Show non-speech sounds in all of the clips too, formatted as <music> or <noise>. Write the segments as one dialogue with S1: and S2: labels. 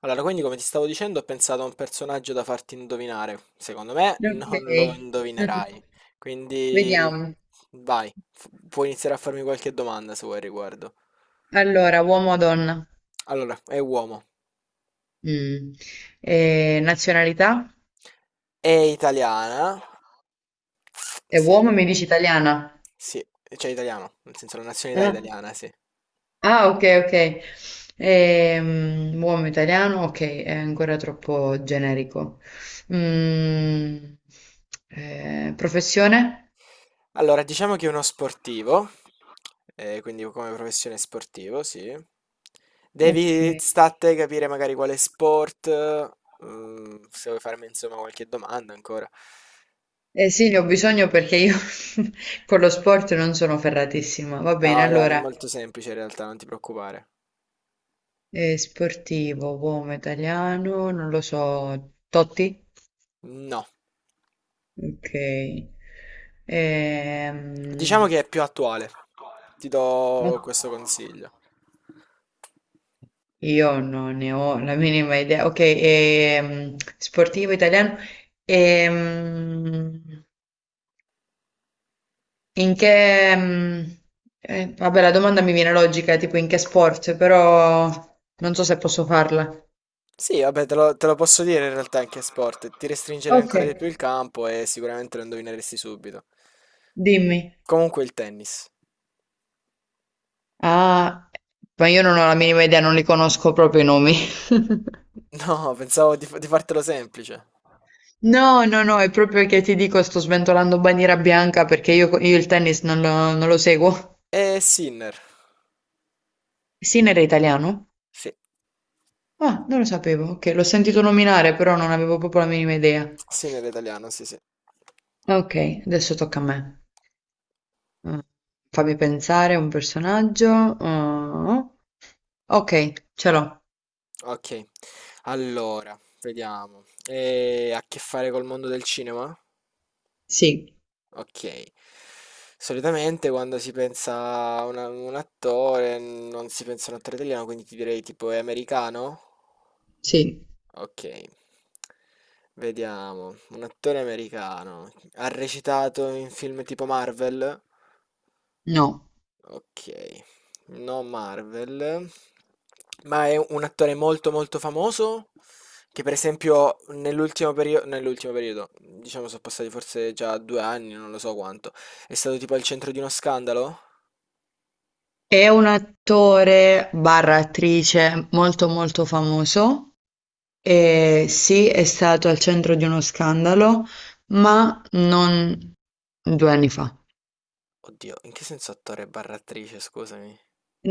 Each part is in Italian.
S1: Allora, quindi come ti stavo dicendo, ho pensato a un personaggio da farti indovinare. Secondo me
S2: Ok,
S1: non lo indovinerai.
S2: <laughs>
S1: Quindi
S2: vediamo.
S1: vai, puoi iniziare a farmi qualche domanda se vuoi al riguardo.
S2: Allora, uomo o donna?
S1: Allora, è uomo.
S2: Mm. Nazionalità?
S1: È italiana?
S2: È
S1: Sì,
S2: uomo, e mi dici italiana?
S1: sì, cioè italiano, nel senso la nazionalità
S2: Ah,
S1: italiana, sì.
S2: ok, ok. Uomo italiano, ok, è ancora troppo generico. Mm, Professione?
S1: Allora, diciamo che è uno sportivo, quindi come professione sportivo, sì.
S2: Ok.
S1: Devi sta a te capire magari quale sport, se vuoi farmi insomma qualche domanda ancora.
S2: Eh sì, ne ho bisogno perché io <laughs> con lo sport non sono ferratissima. Va bene,
S1: No, dai, è
S2: allora.
S1: molto semplice in realtà, non ti preoccupare.
S2: Sportivo, uomo italiano, non lo so, Totti?
S1: No,
S2: Ok.
S1: diciamo
S2: Ehm,
S1: che è più attuale. Ti do questo
S2: oh,
S1: consiglio.
S2: io non ne ho la minima idea. Ok, sportivo italiano. Ehm, in che... ehm, Vabbè, la domanda mi viene logica, tipo in che sport, però non so se posso farla.
S1: Sì, vabbè, te lo posso dire in realtà anche sport. Ti restringerei
S2: Ok.
S1: ancora di più il campo e sicuramente lo indovineresti subito.
S2: Dimmi.
S1: Comunque il tennis.
S2: Ah, ma io non ho la minima idea, non li conosco proprio i nomi. <laughs>
S1: <laughs> No, pensavo di fartelo semplice.
S2: No, no, no, è proprio che ti dico, sto sventolando bandiera bianca perché io il tennis non lo seguo.
S1: È Sinner.
S2: Sinner è italiano?
S1: Sì.
S2: Ah, non lo sapevo. Ok, l'ho sentito nominare, però non avevo proprio la minima idea.
S1: Sinner è italiano, sì, sì.
S2: Ok, adesso tocca a me. Mm, Fammi pensare un personaggio. Oh, ok, ce l'ho.
S1: Ok. Allora, vediamo. Ha a che fare col mondo del cinema?
S2: Sì,
S1: Ok. Solitamente quando si pensa a un attore, non si pensa a un attore italiano, quindi ti direi tipo è americano?
S2: sì,
S1: Ok. Vediamo. Un attore americano. Ha recitato in film tipo Marvel?
S2: no.
S1: Ok, no Marvel, ma è un attore molto molto famoso che per esempio nell'ultimo periodo, diciamo sono passati forse già due anni, non lo so quanto, è stato tipo al centro di uno scandalo?
S2: È un attore barra attrice molto molto famoso. E sì, è stato al centro di uno scandalo, ma non due anni fa.
S1: Oddio, in che senso attore barra attrice, scusami?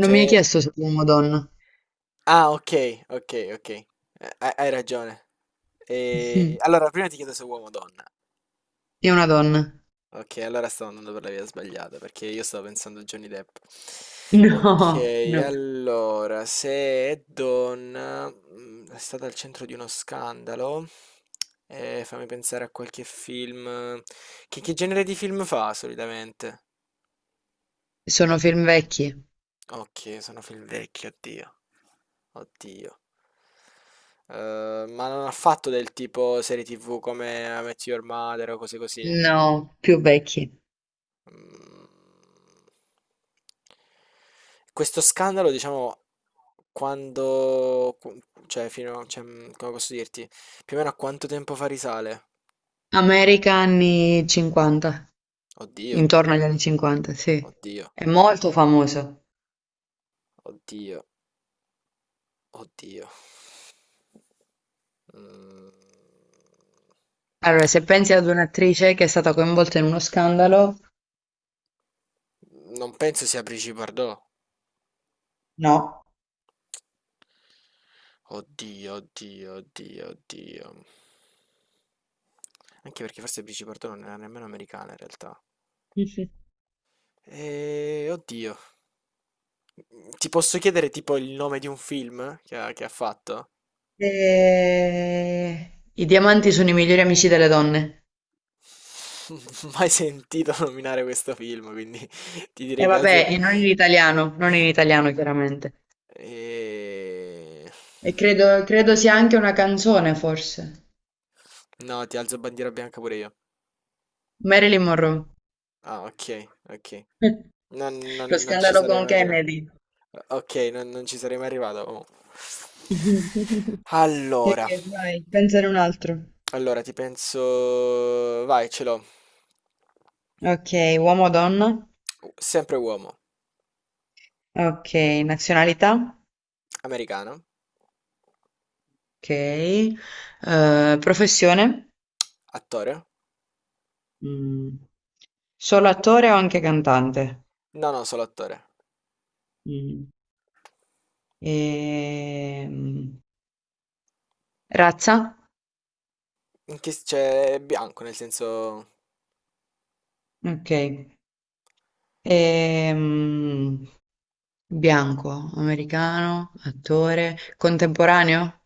S2: Non mi hai chiesto se è uomo o donna.
S1: Ah, ok, ok, ok, hai ragione.
S2: <laughs>
S1: E...
S2: Mhm.
S1: Allora, prima ti chiedo se è uomo o donna.
S2: È una donna.
S1: Ok, allora stavo andando per la via sbagliata perché io stavo pensando a Johnny Depp. Ok,
S2: No, no.
S1: allora, se è donna, è stata al centro di uno scandalo, fammi pensare a qualche film. Che genere di film fa solitamente?
S2: Sono film vecchi.
S1: Ok, sono film vecchi, oddio. Oddio. Ma non ha fatto del tipo serie TV come I Met Your Mother o cose così?
S2: No, più vecchi.
S1: Mhmm, questo scandalo, diciamo, quando qu cioè fino a cioè, mhmm, come posso dirti, più o meno a quanto tempo fa risale?
S2: America anni 50,
S1: Oddio,
S2: intorno agli anni 50, sì.
S1: oddio,
S2: È molto famoso.
S1: oddio, oddio. Mhmm,
S2: Allora, se pensi ad un'attrice che è stata coinvolta in uno scandalo,
S1: non penso sia Brigitte Bardot.
S2: no.
S1: Oddio, oddio, oddio, oddio. Anche perché forse Brigitte Bardot non era nemmeno americana in realtà.
S2: Mhm.
S1: Oddio. Ti posso chiedere tipo il nome di un film che ha fatto?
S2: I diamanti sono i migliori amici delle donne.
S1: <laughs> Mai sentito nominare questo film, quindi <laughs> ti
S2: E
S1: direi che alzo...
S2: vabbè, e non in italiano chiaramente.
S1: Eh,
S2: E credo sia anche una canzone, forse.
S1: no, ti alzo bandiera bianca pure io.
S2: Marilyn Monroe.
S1: Ah, ok, ok.
S2: <laughs> Lo
S1: Non ci
S2: scandalo
S1: sarei
S2: con
S1: mai arrivato.
S2: Kennedy.
S1: Ok, non ci sarei mai arrivato. Oh.
S2: <laughs>
S1: Allora,
S2: Ok, vai, pensare un altro.
S1: allora ti penso... Vai, ce l'ho.
S2: Ok, uomo o donna?
S1: Sempre uomo,
S2: Ok, nazionalità?
S1: americano,
S2: Ok. Professione?
S1: attore.
S2: Mm. Solo attore o anche cantante?
S1: No, no, solo attore.
S2: Mm. Ehm, Razza?
S1: Cioè, è bianco, nel senso...
S2: Ok. Ehm, Bianco, americano, attore, contemporaneo.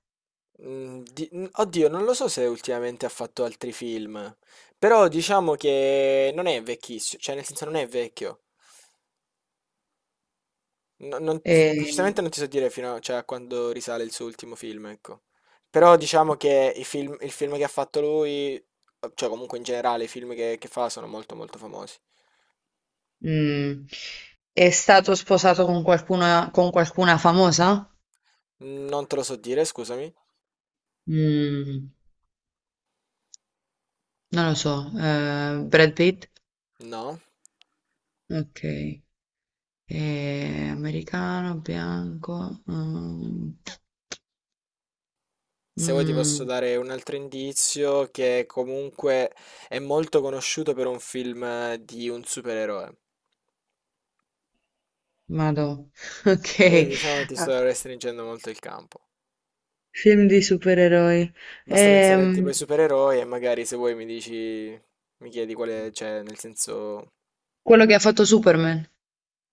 S1: oddio, non lo so se ultimamente ha fatto altri film, però diciamo che non è vecchissimo, cioè nel senso non è vecchio. No- non-
S2: E,
S1: precisamente non ti so dire fino a, cioè, a quando risale il suo ultimo film, ecco. Però diciamo che il film che ha fatto lui, cioè comunque in generale i film che fa sono molto molto famosi.
S2: mm, è stato sposato con con qualcuna famosa?
S1: Non te lo so dire, scusami.
S2: Mm, Non lo so. Brad Pitt?
S1: No.
S2: Ok. Americano, bianco.
S1: Se vuoi ti posso
S2: Mm,
S1: dare un altro indizio che comunque è molto conosciuto per un film di un supereroe.
S2: Madò. <laughs>
S1: Quindi
S2: Ok.
S1: diciamo che ti
S2: Ah,
S1: sto restringendo molto il campo.
S2: film di supereroi.
S1: Basta pensare a tipo
S2: Ehm,
S1: ai supereroi e magari se vuoi mi dici, mi chiedi quale c'è, nel senso
S2: Quello che ha fatto Superman.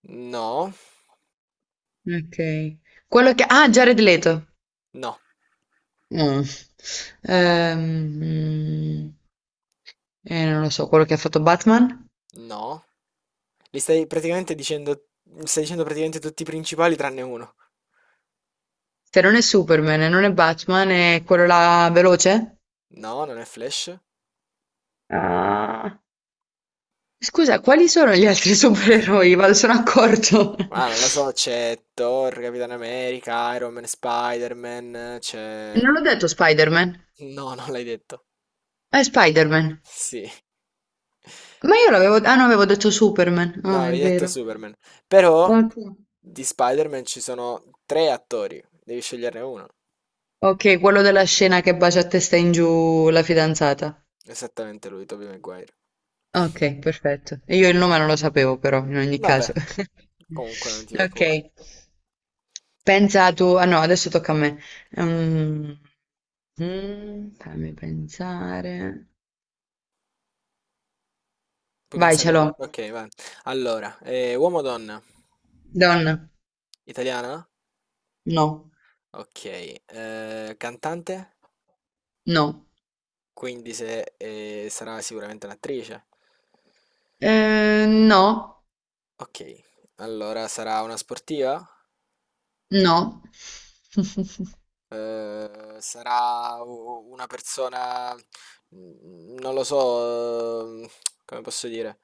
S1: no,
S2: Ok. Quello che... Ah, Jared Leto.
S1: no,
S2: No. Ehm, mm, Non lo so, quello che ha fatto Batman?
S1: no. Li stai praticamente dicendo, stai dicendo praticamente tutti i principali tranne uno.
S2: Se non è Superman e non è Batman, è quello là veloce?
S1: No, non è Flash.
S2: Ah. Scusa, quali sono gli altri <laughs> supereroi? Vado, sono accorto.
S1: Ah, non lo so, c'è Thor, Capitan America, Iron Man, Spider-Man,
S2: Non
S1: c'è...
S2: l'ho detto Spider-Man.
S1: No, <laughs> non l'hai detto.
S2: È Spider-Man.
S1: Sì.
S2: Ma io l'avevo... Ah, no, avevo detto Superman.
S1: No,
S2: Ah, è
S1: avevi detto
S2: vero.
S1: Superman. Però
S2: Ok,
S1: di Spider-Man ci sono tre attori. Devi sceglierne uno.
S2: Ok, quello della scena che bacia a testa in giù la fidanzata.
S1: Esattamente lui, Tobey Maguire.
S2: Ok, perfetto. Io il nome non lo sapevo però, in ogni
S1: Vabbè,
S2: caso. <laughs>
S1: comunque non ti
S2: Ok,
S1: preoccupare.
S2: pensa tu... Ah no, adesso tocca a me. Fammi pensare.
S1: Puoi
S2: Vai, ce l'ho.
S1: pensare... Ok, va. Allora, uomo o donna?
S2: Donna.
S1: Italiana?
S2: No,
S1: Ok. Cantante?
S2: no.
S1: Quindi se, sarà sicuramente un'attrice.
S2: No,
S1: Ok. Allora, sarà una sportiva?
S2: no. <laughs>
S1: Una persona, non lo so, come posso dire,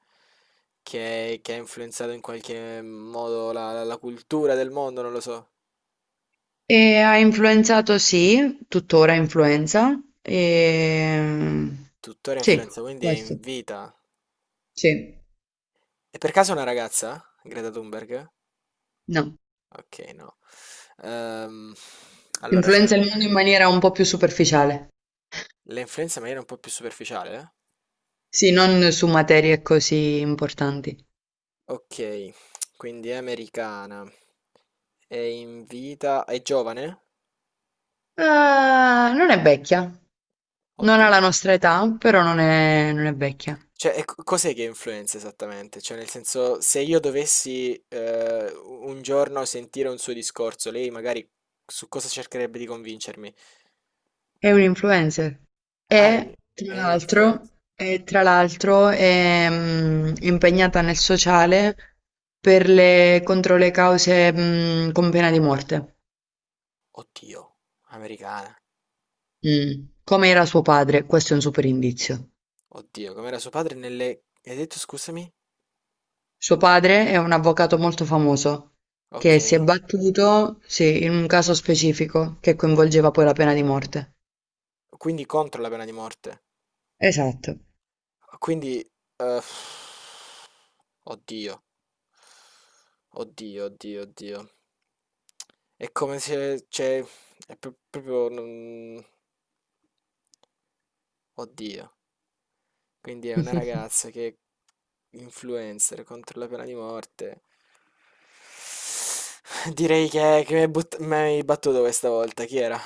S1: che ha influenzato in qualche modo la cultura del mondo, non lo so.
S2: E ha influenzato, sì, tuttora influenza. E...
S1: Tuttora
S2: Sì,
S1: influenza, quindi è in
S2: questo.
S1: vita.
S2: Sì,
S1: E per caso è una ragazza? Greta Thunberg?
S2: no.
S1: Ok, no. Ehm, allora,
S2: Influenza il mondo in maniera un po' più superficiale.
S1: la influenza in maniera un po' più superficiale, eh?
S2: Sì, non su materie così importanti.
S1: Ok, quindi è americana. È in vita. È giovane?
S2: Eh, Non è vecchia, non ha la
S1: Oddio.
S2: nostra età, però non è vecchia.
S1: Cioè, cos'è che influenza esattamente? Cioè, nel senso, se io dovessi un giorno sentire un suo discorso, lei magari su cosa cercherebbe di convincermi?
S2: È un influencer.
S1: Ah, è un-
S2: E tra
S1: è
S2: l'altro,
S1: un'influenza.
S2: e, tra l'altro è impegnata nel sociale per contro le cause con pena di morte,
S1: Oddio, americana.
S2: Mm. Come era suo padre. Questo è un super indizio.
S1: Oddio, com'era suo padre nelle... Hai detto, scusami?
S2: Suo padre è un avvocato molto famoso, che si è
S1: Ok.
S2: battuto, sì, in un caso specifico che coinvolgeva poi la pena di morte.
S1: Quindi contro la pena di morte.
S2: Esatto.
S1: Quindi... eh, oddio, oddio, oddio, oddio. È come se... Cioè, proprio... non- Oddio, quindi è una
S2: <laughs>
S1: ragazza che influencer contro la pena di morte. Direi che mi hai battuto questa volta, chi era?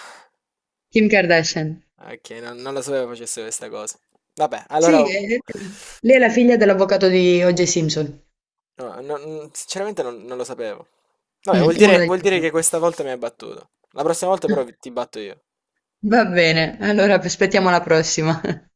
S2: Kim Kardashian.
S1: Ok, non lo sapevo facesse questa cosa. Vabbè, allora...
S2: Sì, è- Lei è la figlia dell'avvocato di O.J. Simpson.
S1: no, sinceramente non lo sapevo. Vabbè,
S2: Mm, uno degli
S1: vuol dire che
S2: avvocati.
S1: questa volta mi hai battuto. La prossima volta però
S2: <laughs>
S1: ti batto io.
S2: Va bene, allora aspettiamo la prossima. <laughs>